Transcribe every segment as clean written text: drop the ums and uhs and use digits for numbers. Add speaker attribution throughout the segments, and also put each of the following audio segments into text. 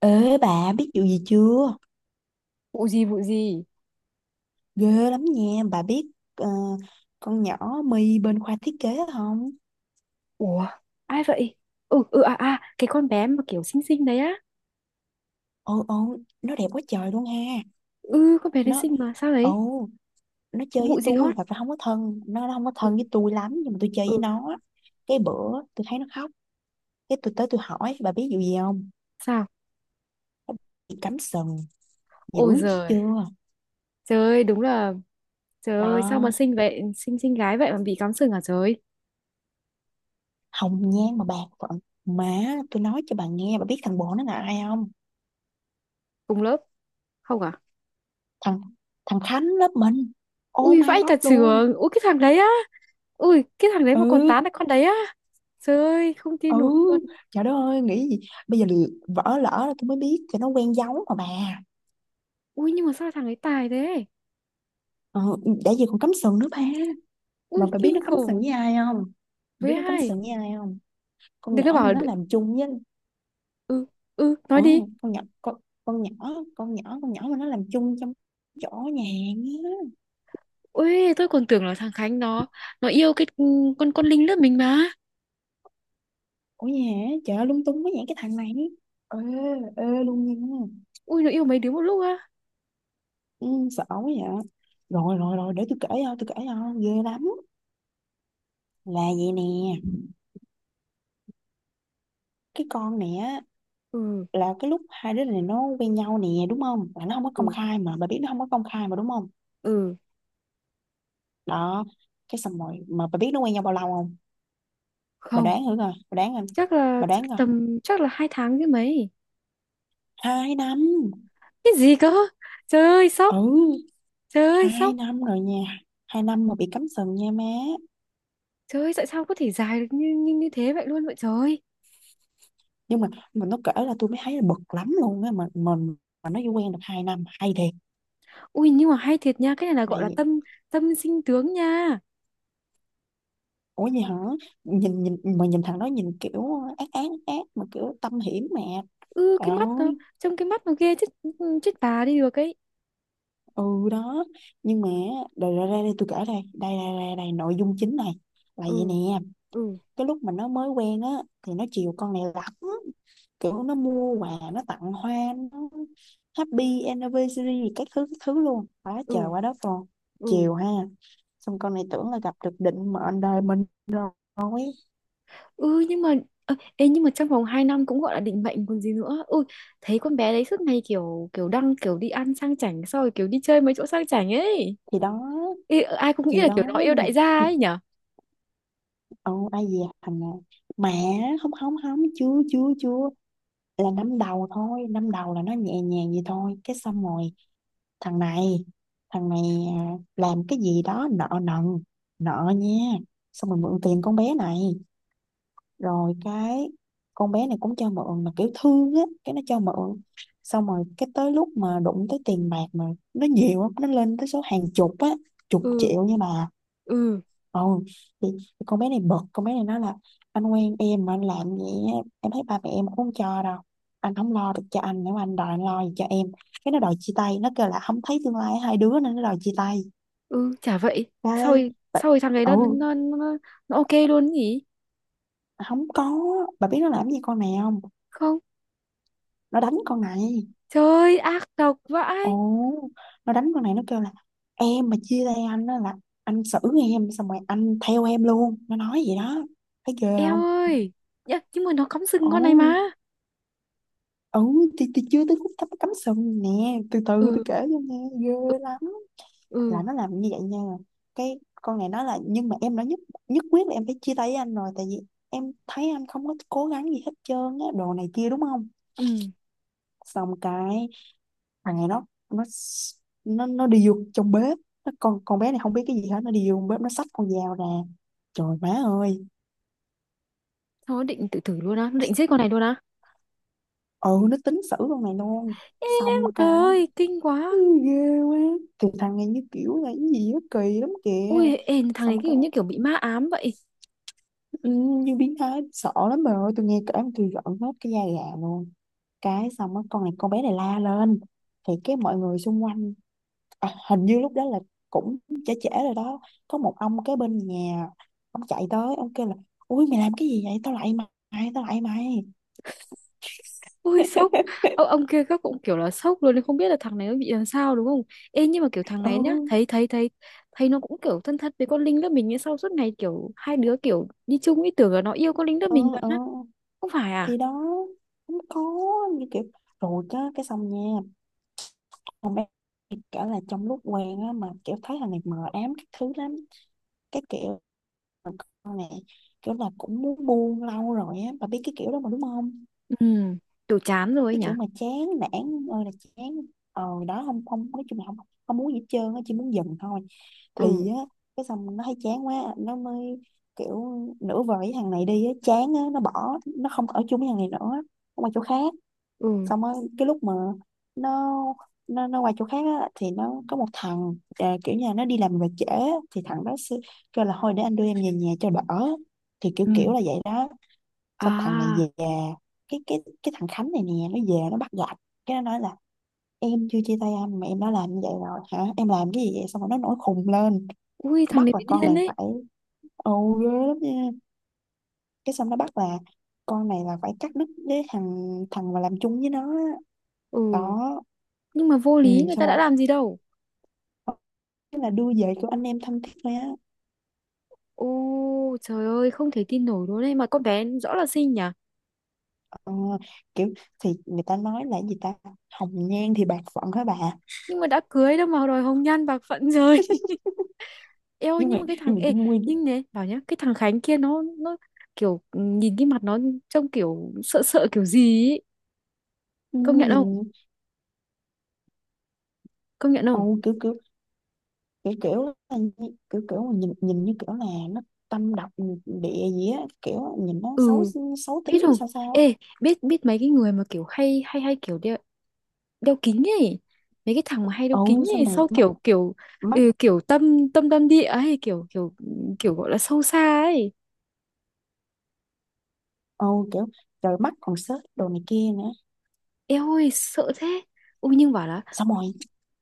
Speaker 1: Ê bà biết vụ gì chưa?
Speaker 2: Vụ gì? Vụ gì?
Speaker 1: Ghê lắm nha, bà biết ờ, con nhỏ My bên khoa thiết kế không?
Speaker 2: Ủa, ai vậy? Ừ, ừ, à, à, cái con bé mà kiểu xinh xinh đấy á.
Speaker 1: Ồ ồ, Nó đẹp quá trời luôn ha.
Speaker 2: Ừ, con bé đấy
Speaker 1: Nó
Speaker 2: xinh mà sao đấy?
Speaker 1: ồ, nó
Speaker 2: Có
Speaker 1: chơi
Speaker 2: vụ
Speaker 1: với
Speaker 2: gì
Speaker 1: tôi,
Speaker 2: hot?
Speaker 1: thật ra không có thân, nó không có
Speaker 2: Ừ,
Speaker 1: thân với tôi lắm nhưng mà tôi chơi với
Speaker 2: ừ.
Speaker 1: nó. Cái bữa tôi thấy nó khóc, cái tôi tới tôi hỏi bà biết vụ gì không?
Speaker 2: Sao?
Speaker 1: Nó bị cắm sừng dữ
Speaker 2: Ôi giời.
Speaker 1: chưa?
Speaker 2: Trời ơi, đúng là. Trời ơi, sao
Speaker 1: Đó,
Speaker 2: mà xinh vậy, xinh xinh gái vậy mà bị cắm sừng à trời?
Speaker 1: hồng nhan mà bạc phận. Má, tôi nói cho bà nghe, bà biết thằng bồ nó là ai không?
Speaker 2: Cùng lớp? Không à?
Speaker 1: Thằng Thằng Khánh lớp mình. Oh
Speaker 2: Ui
Speaker 1: my
Speaker 2: vãi
Speaker 1: god
Speaker 2: cả
Speaker 1: luôn.
Speaker 2: trường, ui cái thằng đấy á. Ui cái thằng đấy mà còn
Speaker 1: Ừ
Speaker 2: tán lại con đấy á. Trời ơi, không tin
Speaker 1: ừ
Speaker 2: nổi luôn.
Speaker 1: trời đất ơi nghĩ gì bây giờ. Vỡ lỡ là tôi mới biết, cho nó quen giấu mà bà.
Speaker 2: Ui, nhưng mà sao thằng ấy tài thế?
Speaker 1: Ừ, đã gì còn cắm sừng nữa ba.
Speaker 2: Ui
Speaker 1: Mà bà biết nó
Speaker 2: kinh
Speaker 1: cắm
Speaker 2: khủng.
Speaker 1: sừng với ai không? Bà
Speaker 2: Với
Speaker 1: biết nó cắm
Speaker 2: ai?
Speaker 1: sừng với ai không? Con
Speaker 2: Đừng
Speaker 1: nhỏ
Speaker 2: có
Speaker 1: mà
Speaker 2: bảo là-.
Speaker 1: nó làm chung với.
Speaker 2: Ừ. Ừ, nói
Speaker 1: Ừ,
Speaker 2: đi.
Speaker 1: con nhỏ con, con nhỏ con nhỏ con nhỏ mà nó làm chung trong chỗ nhà á.
Speaker 2: Ui, tôi còn tưởng là thằng Khánh nó yêu cái, ừ, con Linh lớp mình mà.
Speaker 1: Ủa nhà. Trời ơi, lung tung quá vậy cái thằng này. Ê, ê luôn nha.
Speaker 2: Ui, nó yêu mấy đứa một lúc á.
Speaker 1: Ừ, sợ quá vậy. Rồi rồi rồi để tôi kể cho, tôi kể cho, ghê lắm. Là vậy nè, cái con này á,
Speaker 2: Ừ.
Speaker 1: là cái lúc hai đứa này nó quen nhau nè đúng không, là nó không có công
Speaker 2: Ừ.
Speaker 1: khai mà bà biết, nó không có công khai mà đúng không?
Speaker 2: Ừ.
Speaker 1: Đó, cái xong rồi mà bà biết nó quen nhau bao lâu không? Bà
Speaker 2: Không,
Speaker 1: đoán thử coi, bà đoán coi,
Speaker 2: chắc là,
Speaker 1: bà đoán
Speaker 2: chắc
Speaker 1: coi.
Speaker 2: tầm, chắc là 2 tháng chứ mấy.
Speaker 1: 2 năm.
Speaker 2: Cái gì cơ? Trời ơi, sốc.
Speaker 1: Ừ,
Speaker 2: Trời ơi,
Speaker 1: hai
Speaker 2: sốc.
Speaker 1: năm rồi nha, 2 năm mà bị cắm sừng nha má.
Speaker 2: Trời ơi, tại sao có thể dài được như, như như thế vậy luôn vậy trời.
Speaker 1: Nhưng mà mình nó kể là tôi mới thấy là bực lắm luôn á, mà mình, mà nó chỉ quen được 2 năm hay thiệt.
Speaker 2: Ui, nhưng mà hay thiệt nha, cái này là gọi là
Speaker 1: Đây.
Speaker 2: tâm tâm sinh tướng nha.
Speaker 1: Ủa vậy hả? Nhìn nhìn mà nhìn thằng đó nhìn kiểu ác ác, ác mà kiểu tâm hiểm mà.
Speaker 2: Ừ,
Speaker 1: Trời
Speaker 2: cái mắt nó,
Speaker 1: ơi.
Speaker 2: trông cái mắt nó ghê chết. Ừ, chết bà đi được ấy.
Speaker 1: Ừ đó. Nhưng mà đây ra đây, đây tôi kể đây. Đây đây đây đây nội dung chính này, là vậy nè.
Speaker 2: Ừ. Ừ.
Speaker 1: Cái lúc mà nó mới quen á thì nó chiều con này lắm. Kiểu nó mua quà, nó tặng hoa, nó happy anniversary các thứ luôn. Quá
Speaker 2: Ừ.
Speaker 1: trời quá đất luôn.
Speaker 2: Ừ.
Speaker 1: Chiều ha. Xong con này tưởng là gặp được định mệnh đời mình rồi.
Speaker 2: Ừ nhưng mà, ơ, ê, nhưng mà trong vòng 2 năm cũng gọi là định mệnh còn gì nữa. Ui, thấy con bé đấy suốt ngày kiểu kiểu đăng, kiểu đi ăn sang chảnh xong rồi kiểu đi chơi mấy chỗ sang chảnh ấy.
Speaker 1: Thì đó,
Speaker 2: Ê, ờ, ai cũng nghĩ
Speaker 1: thì
Speaker 2: là kiểu nó
Speaker 1: đó
Speaker 2: yêu
Speaker 1: nhưng mà.
Speaker 2: đại gia ấy nhở.
Speaker 1: Ồ, ai về hành à? Mà không không không, chưa chưa chưa, là năm đầu thôi, năm đầu là nó nhẹ nhàng vậy thôi cái xong rồi. Thằng này thằng này làm cái gì đó nợ nần, nợ nha, xong rồi mượn tiền con bé này. Rồi cái con bé này cũng cho mượn mà kiểu thương á cái nó cho mượn. Xong rồi cái tới lúc mà đụng tới tiền bạc mà nó nhiều lắm, nó lên tới số hàng chục á, chục
Speaker 2: Ừ.
Speaker 1: triệu nha bà.
Speaker 2: Ừ.
Speaker 1: Ồ, thì thì con bé này bực, con bé này nói là anh quen em mà anh làm vậy á, em thấy ba mẹ em cũng không cho đâu. Anh không lo được cho anh, nếu mà anh đòi anh lo gì cho em. Cái nó đòi chia tay, nó kêu là không thấy tương lai hai đứa nên nó đòi chia tay.
Speaker 2: Ừ, chả vậy.
Speaker 1: Cái, bà,
Speaker 2: Sau rồi thằng ấy nó
Speaker 1: ừ,
Speaker 2: nó nó, nó ok luôn nhỉ?
Speaker 1: không có, bà biết nó làm gì con này không?
Speaker 2: Không.
Speaker 1: Nó đánh con này.
Speaker 2: Trời ơi, ác độc
Speaker 1: Ồ,
Speaker 2: vãi.
Speaker 1: nó đánh con này, nó kêu là em mà chia tay anh á là anh xử em, xong rồi anh theo em luôn. Nó nói vậy đó, thấy ghê
Speaker 2: Eo
Speaker 1: không?
Speaker 2: ơi. Nhá, nhưng mà nó cắm sừng con này
Speaker 1: Ồ,
Speaker 2: mà.
Speaker 1: ừ thì chưa tới khúc cắm cắm sừng nè, từ từ
Speaker 2: Ừ.
Speaker 1: tôi kể cho nghe, ghê
Speaker 2: Ừ.
Speaker 1: lắm. Là
Speaker 2: Ừ,
Speaker 1: nó làm như vậy nha. Cái con này nói là nhưng mà em đã nhất nhất quyết là em phải chia tay với anh rồi, tại vì em thấy anh không có cố gắng gì hết trơn á đồ này kia đúng không.
Speaker 2: ừ.
Speaker 1: Xong cái thằng này nó đi vô trong bếp, nó, con bé này không biết cái gì hết, nó đi vô trong bếp nó xách con dao ra, trời má ơi.
Speaker 2: Nó định tự tử luôn á, nó
Speaker 1: Nó,
Speaker 2: định giết con này luôn á.
Speaker 1: ừ nó tính xử con này luôn.
Speaker 2: Em.
Speaker 1: Xong
Speaker 2: Trời
Speaker 1: cái,
Speaker 2: ơi, kinh
Speaker 1: ừ,
Speaker 2: quá.
Speaker 1: ghê quá. Từ thằng này như kiểu là cái gì đó kỳ lắm kìa.
Speaker 2: Ui, ê, thằng này
Speaker 1: Xong
Speaker 2: kiểu
Speaker 1: cái,
Speaker 2: như kiểu bị ma ám vậy.
Speaker 1: ừ, như biến thái sợ lắm bà ơi, tôi nghe kể mà tôi giận hết cái da gà luôn. Cái xong á con này, con bé này la lên thì cái mọi người xung quanh, à, hình như lúc đó là cũng trễ trễ rồi đó, có một ông cái bên nhà, ông chạy tới ông kêu là ui mày làm cái gì vậy tao lại mày, tao lại mày.
Speaker 2: Ui, sốc. Ông kia các cũng kiểu là sốc luôn, không biết là thằng này nó bị làm sao đúng không? Ê, nhưng mà kiểu thằng
Speaker 1: Ừ
Speaker 2: này nhá, thấy thấy nó cũng kiểu thân thân với con Linh lớp mình như sau suốt ngày kiểu hai đứa kiểu đi chung, ý tưởng là nó yêu con Linh lớp
Speaker 1: ừ
Speaker 2: mình
Speaker 1: ừ,
Speaker 2: mà. Không phải
Speaker 1: thì
Speaker 2: à?
Speaker 1: đó, không có, như kiểu, rồi á cái xong nha. Không, em cả là trong lúc quen á mà kiểu thấy thằng này mờ ám các thứ lắm, cái kiểu mà con này kiểu là cũng muốn buông lâu rồi á, bà biết cái kiểu đó mà đúng không.
Speaker 2: Ừ, kiểu chán rồi ấy
Speaker 1: Cái
Speaker 2: nhỉ?
Speaker 1: kiểu mà chán nản ơi là chán. Ờ đó, không không, nói chung là không không muốn gì hết trơn á, chỉ muốn dừng thôi.
Speaker 2: Ừ.
Speaker 1: Thì á cái xong nó thấy chán quá nó mới kiểu nửa vời với thằng này đi á, chán á, nó bỏ, nó không ở chung với thằng này nữa, nó qua chỗ khác.
Speaker 2: Ừ.
Speaker 1: Xong á cái lúc mà nó nó qua chỗ khác á, thì nó có một thằng, à, kiểu như là nó đi làm về trễ á, thì thằng đó sẽ kêu là thôi để anh đưa em về nhà cho đỡ, thì kiểu
Speaker 2: Ừ.
Speaker 1: kiểu là vậy đó. Xong thằng này
Speaker 2: À.
Speaker 1: về, cái thằng Khánh này nè nó về nó bắt gặp, cái nó nói là em chưa chia tay anh mà em đã làm như vậy rồi hả, em làm cái gì vậy, xong rồi nó nổi khùng lên.
Speaker 2: Ui,
Speaker 1: Nó
Speaker 2: thằng
Speaker 1: bắt
Speaker 2: này
Speaker 1: là
Speaker 2: bị
Speaker 1: con
Speaker 2: điên
Speaker 1: này
Speaker 2: ấy.
Speaker 1: phải, ồ, ghê lắm nha. Cái xong nó bắt là con này là phải cắt đứt với thằng thằng mà làm chung với nó á.
Speaker 2: Ừ,
Speaker 1: Có,
Speaker 2: nhưng mà vô
Speaker 1: ừ,
Speaker 2: lý, người
Speaker 1: xong
Speaker 2: ta đã
Speaker 1: rồi.
Speaker 2: làm gì đâu.
Speaker 1: Thế là đưa về của anh em thân thiết thôi á.
Speaker 2: Ô trời ơi, không thể tin nổi luôn đấy mà con bé rõ là xinh nhỉ.
Speaker 1: Ờ, kiểu, thì người ta nói là gì ta, hồng nhan thì bạc phận hả bà.
Speaker 2: Nhưng mà đã cưới đâu mà đòi hồng nhan bạc phận rồi. Ê ôi,
Speaker 1: nhưng
Speaker 2: nhưng
Speaker 1: mà
Speaker 2: mà cái thằng,
Speaker 1: nhưng mà
Speaker 2: ê,
Speaker 1: Trung Nguyên.
Speaker 2: nhưng nè bảo nhá, cái thằng Khánh kia nó kiểu, ừ, nhìn cái mặt nó trông kiểu sợ sợ kiểu gì ấy. Công nhận không?
Speaker 1: Nhìn,
Speaker 2: Công nhận không?
Speaker 1: ồ kiểu kiểu, kiểu kiểu mà nhìn nhìn như kiểu là nó tâm độc, ừ, địa gì á, kiểu nhìn nó xấu,
Speaker 2: Ừ.
Speaker 1: xấu
Speaker 2: Biết
Speaker 1: tính
Speaker 2: không?
Speaker 1: sao sao á.
Speaker 2: Ê, biết biết mấy cái người mà kiểu hay hay hay kiểu đeo, đeo kính ấy, mấy cái thằng mà hay đeo kính
Speaker 1: Ồ xong
Speaker 2: ấy
Speaker 1: rồi
Speaker 2: sau
Speaker 1: mắt,
Speaker 2: kiểu kiểu,
Speaker 1: mắt,
Speaker 2: ừ, kiểu tâm tâm tâm địa ấy, kiểu kiểu, kiểu gọi là sâu xa ấy.
Speaker 1: ồ kiểu, trời mắt còn xếp đồ này kia nữa.
Speaker 2: Eo ơi sợ thế. Ui nhưng bảo là.
Speaker 1: Xong rồi.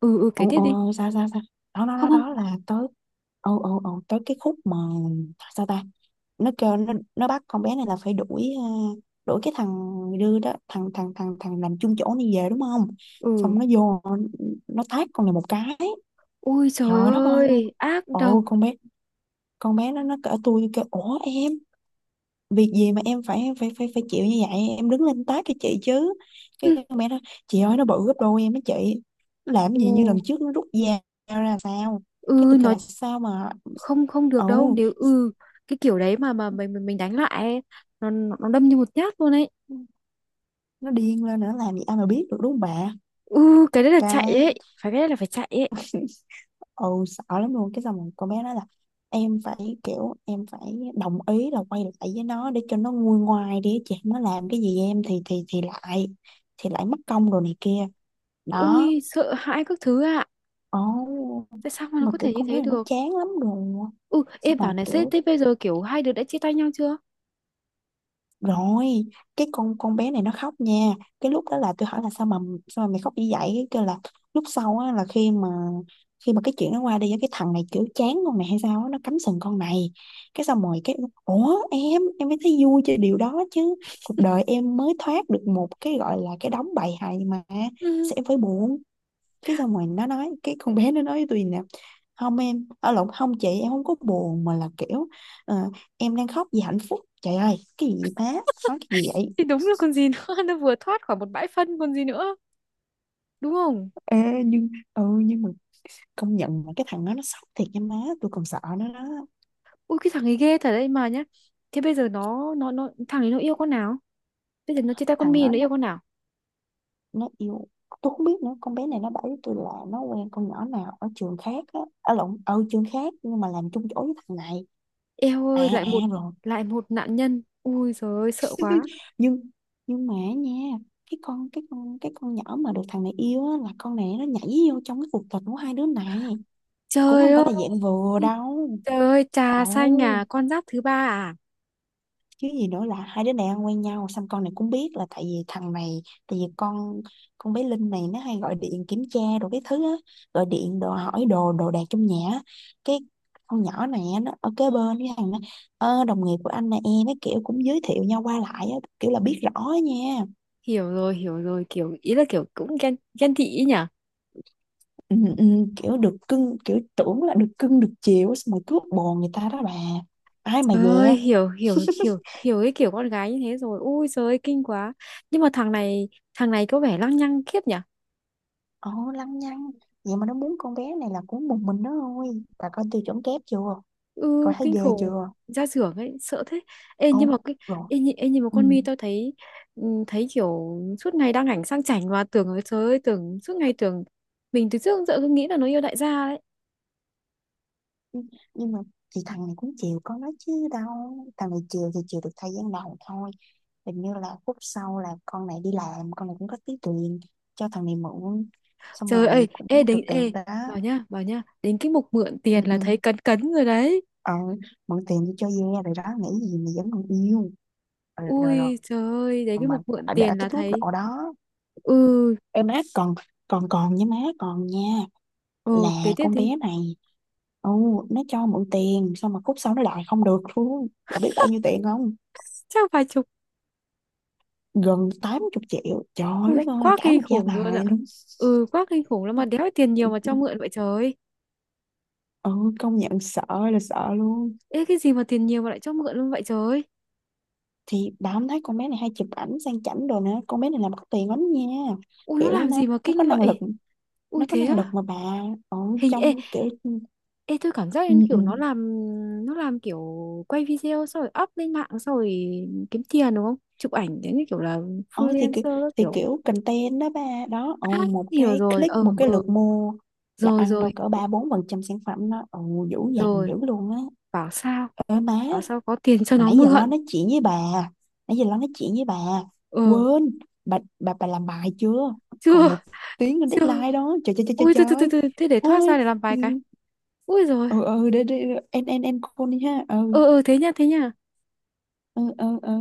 Speaker 2: Ừ, ừ, kể
Speaker 1: Ồ
Speaker 2: tiếp đi.
Speaker 1: ồ sao sao sao. đó đó đó
Speaker 2: Không, không.
Speaker 1: đó là tới, ồ ồ ồ tới cái khúc mà, sao ta. Nó kêu nó bắt con bé này là phải đuổi, à, đuổi cái thằng đưa đó, thằng thằng thằng thằng làm chung chỗ này về đúng không.
Speaker 2: Ừ.
Speaker 1: Xong nó vô nó tát con này một cái,
Speaker 2: Ui trời
Speaker 1: trời đất ơi luôn.
Speaker 2: ơi, ác độc.
Speaker 1: Ồ con bé, con bé nó cỡ tôi kêu ủa em việc gì mà em phải phải phải phải chịu như vậy, em đứng lên tát cái chị chứ. Cái
Speaker 2: Ừ.
Speaker 1: mẹ nó chị ơi nó bự gấp đôi em á chị. Nó làm gì như lần
Speaker 2: Ồ.
Speaker 1: trước nó rút dao ra sao. Cái
Speaker 2: Ừ,
Speaker 1: tôi kêu
Speaker 2: nó.
Speaker 1: là sao mà,
Speaker 2: Không không được
Speaker 1: ừ
Speaker 2: đâu. Nếu, ừ, cái kiểu đấy mà mình đánh lại ấy, nó đâm như một nhát luôn ấy.
Speaker 1: nó điên lên nữa làm gì ai mà biết được đúng không bà.
Speaker 2: Ừ cái đấy là chạy
Speaker 1: Cái,
Speaker 2: ấy. Phải, cái đấy là phải chạy ấy.
Speaker 1: ừ sợ lắm luôn. Cái xong rồi con bé nói là em phải kiểu em phải đồng ý là quay lại với nó để cho nó nguôi ngoai đi chị, nó làm cái gì em thì lại, thì lại mất công rồi này kia. Đó,
Speaker 2: Ui sợ hãi các thứ ạ.
Speaker 1: ồ,
Speaker 2: Tại sao mà nó
Speaker 1: mà
Speaker 2: có
Speaker 1: kiểu
Speaker 2: thể như
Speaker 1: con bé
Speaker 2: thế
Speaker 1: này nó
Speaker 2: được?
Speaker 1: chán lắm rồi.
Speaker 2: Ừ,
Speaker 1: Xong
Speaker 2: em bảo
Speaker 1: rồi
Speaker 2: này sếp,
Speaker 1: kiểu,
Speaker 2: thế bây giờ kiểu hai đứa đã chia tay nhau chưa?
Speaker 1: rồi cái con bé này nó khóc nha. Cái lúc đó là tôi hỏi là sao mà, sao mà mày khóc như vậy, cái kêu là lúc sau á, là khi mà, khi mà cái chuyện nó qua đi á, cái thằng này kiểu chán con này hay sao á, nó cắm sừng con này. Cái xong rồi cái, ủa em mới thấy vui cho điều đó chứ, cuộc đời em mới thoát được một cái gọi là cái đống bầy hày mà,
Speaker 2: Ừ
Speaker 1: sẽ em phải buồn. Cái xong rồi nó nói, cái con bé nó nói với tôi nè, không em ở lộn không chị, em không có buồn mà là kiểu, ờ, em đang khóc vì hạnh phúc. Trời ơi cái gì vậy má, nói cái gì vậy.
Speaker 2: thì đúng là còn gì nữa. Nó vừa thoát khỏi một bãi phân còn gì nữa. Đúng không?
Speaker 1: Ê, nhưng ừ nhưng mà công nhận là cái thằng đó nó sốc thiệt nha má, tôi còn sợ nó đó.
Speaker 2: Ui cái thằng ấy ghê thật đấy mà nhá. Thế bây giờ nó thằng ấy nó yêu con nào? Bây giờ nó chia tay con
Speaker 1: Thằng
Speaker 2: My
Speaker 1: đó
Speaker 2: nó yêu con nào?
Speaker 1: nó yêu, tôi không biết nữa, con bé này nó bảo với tôi là nó quen con nhỏ nào ở trường khác á, ở lộn, ở trường khác nhưng mà làm chung chỗ với thằng này.
Speaker 2: Eo
Speaker 1: À
Speaker 2: ơi, lại
Speaker 1: à
Speaker 2: một,
Speaker 1: rồi.
Speaker 2: lại một nạn nhân. Ui giời ơi sợ quá.
Speaker 1: nhưng nhưng mà nha, cái con nhỏ mà được thằng này yêu á, là con này nó nhảy vô trong cái cuộc tình của hai đứa này cũng
Speaker 2: Trời
Speaker 1: không phải
Speaker 2: ơi.
Speaker 1: là dạng vừa đâu.
Speaker 2: Trời ơi trà
Speaker 1: Ồ,
Speaker 2: xanh à, con giáp thứ ba à?
Speaker 1: chứ gì nữa, là hai đứa này ăn quen nhau xong con này cũng biết là tại vì thằng này, tại vì con bé Linh này nó hay gọi điện kiểm tra đồ cái thứ á, gọi điện đồ hỏi đồ đồ đạc trong nhà á. Cái con nhỏ này á, nó ở kế bên với thằng nó. "Ơ, đồng nghiệp của anh nè em," cái kiểu cũng giới thiệu nhau qua lại á, kiểu là biết rõ á nha.
Speaker 2: Hiểu rồi, kiểu ý là kiểu cũng ghen ghen tị ý nhỉ?
Speaker 1: ừ, ừ, kiểu được cưng, kiểu tưởng là được cưng được chiều xong rồi cướp bồ người ta đó bà, ai mà
Speaker 2: Trời
Speaker 1: dè.
Speaker 2: ơi, hiểu hiểu hiểu hiểu cái kiểu con gái như thế rồi. Ui giời ơi kinh quá. Nhưng mà thằng này, có vẻ lăng nhăng khiếp nhỉ?
Speaker 1: Ồ lăng nhăng, vậy mà nó muốn con bé này là cũng một mình nó thôi, bà coi tiêu chuẩn kép chưa,
Speaker 2: Ừ,
Speaker 1: coi thấy
Speaker 2: kinh
Speaker 1: ghê
Speaker 2: khủng.
Speaker 1: chưa.
Speaker 2: Ra xưởng ấy sợ thế. Ê nhưng
Speaker 1: Ồ
Speaker 2: mà cái,
Speaker 1: rồi.
Speaker 2: ê, nhị-, ê, nhưng mà
Speaker 1: Ừ.
Speaker 2: con Mi tôi thấy, ừ, thấy kiểu suốt ngày đăng ảnh sang chảnh và tưởng, ơi trời ơi tưởng, suốt ngày tưởng, mình từ trước đến giờ cứ nghĩ là nó yêu đại gia đấy.
Speaker 1: nhưng nhưng mà chị, thằng này cũng chiều con nó chứ đâu, thằng này chiều thì chiều được thời gian đầu thôi, hình như là phút sau là con này đi làm, con này cũng có tí tiền cho thằng này mượn, xong
Speaker 2: Trời
Speaker 1: rồi
Speaker 2: ơi, ê
Speaker 1: cũng
Speaker 2: đến
Speaker 1: được được
Speaker 2: ê,
Speaker 1: đó.
Speaker 2: bảo nhá, bảo nhá, đến cái mục mượn
Speaker 1: ừ,
Speaker 2: tiền là
Speaker 1: ừ.
Speaker 2: thấy cấn cấn rồi đấy.
Speaker 1: ờ Mượn tiền đi cho ve rồi đó, nghĩ gì mà vẫn còn yêu. Ờ, rồi rồi,
Speaker 2: Ui trời ơi đến
Speaker 1: rồi
Speaker 2: cái
Speaker 1: mà
Speaker 2: mục mượn
Speaker 1: đã
Speaker 2: tiền là
Speaker 1: tới cái mức
Speaker 2: thấy.
Speaker 1: độ đó,
Speaker 2: Ừ.
Speaker 1: em má còn còn còn nha má còn nha. Là
Speaker 2: Ồ kế tiếp
Speaker 1: con
Speaker 2: thì.
Speaker 1: bé này, ừ nó cho mượn tiền xong mà khúc sau nó đòi không được luôn. Bà biết bao nhiêu tiền không?
Speaker 2: Chắc vài chục.
Speaker 1: Gần 80 triệu, trời
Speaker 2: Ui
Speaker 1: đất ơi
Speaker 2: quá
Speaker 1: cả
Speaker 2: kinh
Speaker 1: một gia
Speaker 2: khủng luôn ạ.
Speaker 1: tài luôn.
Speaker 2: Ừ quá kinh khủng lắm mà đéo tiền nhiều mà cho mượn vậy trời.
Speaker 1: Ừ công nhận sợ, là sợ luôn.
Speaker 2: Ê cái gì mà tiền nhiều mà lại cho mượn luôn vậy trời ơi.
Speaker 1: Thì bà không thấy con bé này hay chụp ảnh sang chảnh đồ nữa, con bé này làm có tiền lắm nha.
Speaker 2: Ui nó
Speaker 1: Kiểu
Speaker 2: làm
Speaker 1: nó
Speaker 2: gì mà
Speaker 1: nó có
Speaker 2: kinh
Speaker 1: năng lực,
Speaker 2: vậy? Ui
Speaker 1: nó có
Speaker 2: thế
Speaker 1: năng lực
Speaker 2: á?
Speaker 1: mà bà, ở
Speaker 2: Hình, ê,
Speaker 1: trong kiểu.
Speaker 2: ê tôi cảm giác
Speaker 1: ừ,
Speaker 2: như
Speaker 1: ừ.
Speaker 2: kiểu nó làm, nó làm kiểu quay video xong rồi up lên mạng xong rồi kiếm tiền đúng không, chụp ảnh thế như kiểu là
Speaker 1: Ờ, thì kiểu,
Speaker 2: freelancer các
Speaker 1: thì
Speaker 2: kiểu.
Speaker 1: kiểu content đó ba đó, ừ,
Speaker 2: À
Speaker 1: một
Speaker 2: hiểu
Speaker 1: cái
Speaker 2: rồi,
Speaker 1: click,
Speaker 2: ờ,
Speaker 1: một cái
Speaker 2: ờ.
Speaker 1: lượt mua là
Speaker 2: Rồi,
Speaker 1: ăn đâu
Speaker 2: rồi,
Speaker 1: cỡ 3 4 % sản phẩm đó, ừ, dữ dằn
Speaker 2: rồi.
Speaker 1: dữ luôn á.
Speaker 2: Bảo sao.
Speaker 1: Ơ má,
Speaker 2: Bảo sao có tiền cho
Speaker 1: mà
Speaker 2: nó
Speaker 1: nãy giờ lo
Speaker 2: mượn.
Speaker 1: nói chuyện với bà nãy giờ lo nói chuyện với bà
Speaker 2: Ờ.
Speaker 1: quên. Bà làm bài chưa? Còn một
Speaker 2: Chưa.
Speaker 1: tiếng lên
Speaker 2: Chưa.
Speaker 1: deadline đó, trời trời trời trời
Speaker 2: Ui từ từ từ
Speaker 1: trời.
Speaker 2: từ Thế để thoát
Speaker 1: Thôi
Speaker 2: ra để làm
Speaker 1: ừ
Speaker 2: vài cái. Ui rồi.
Speaker 1: ừ, để, em call đi ha. Ừ
Speaker 2: Ờ ờ thế nha, thế nha.
Speaker 1: ừ.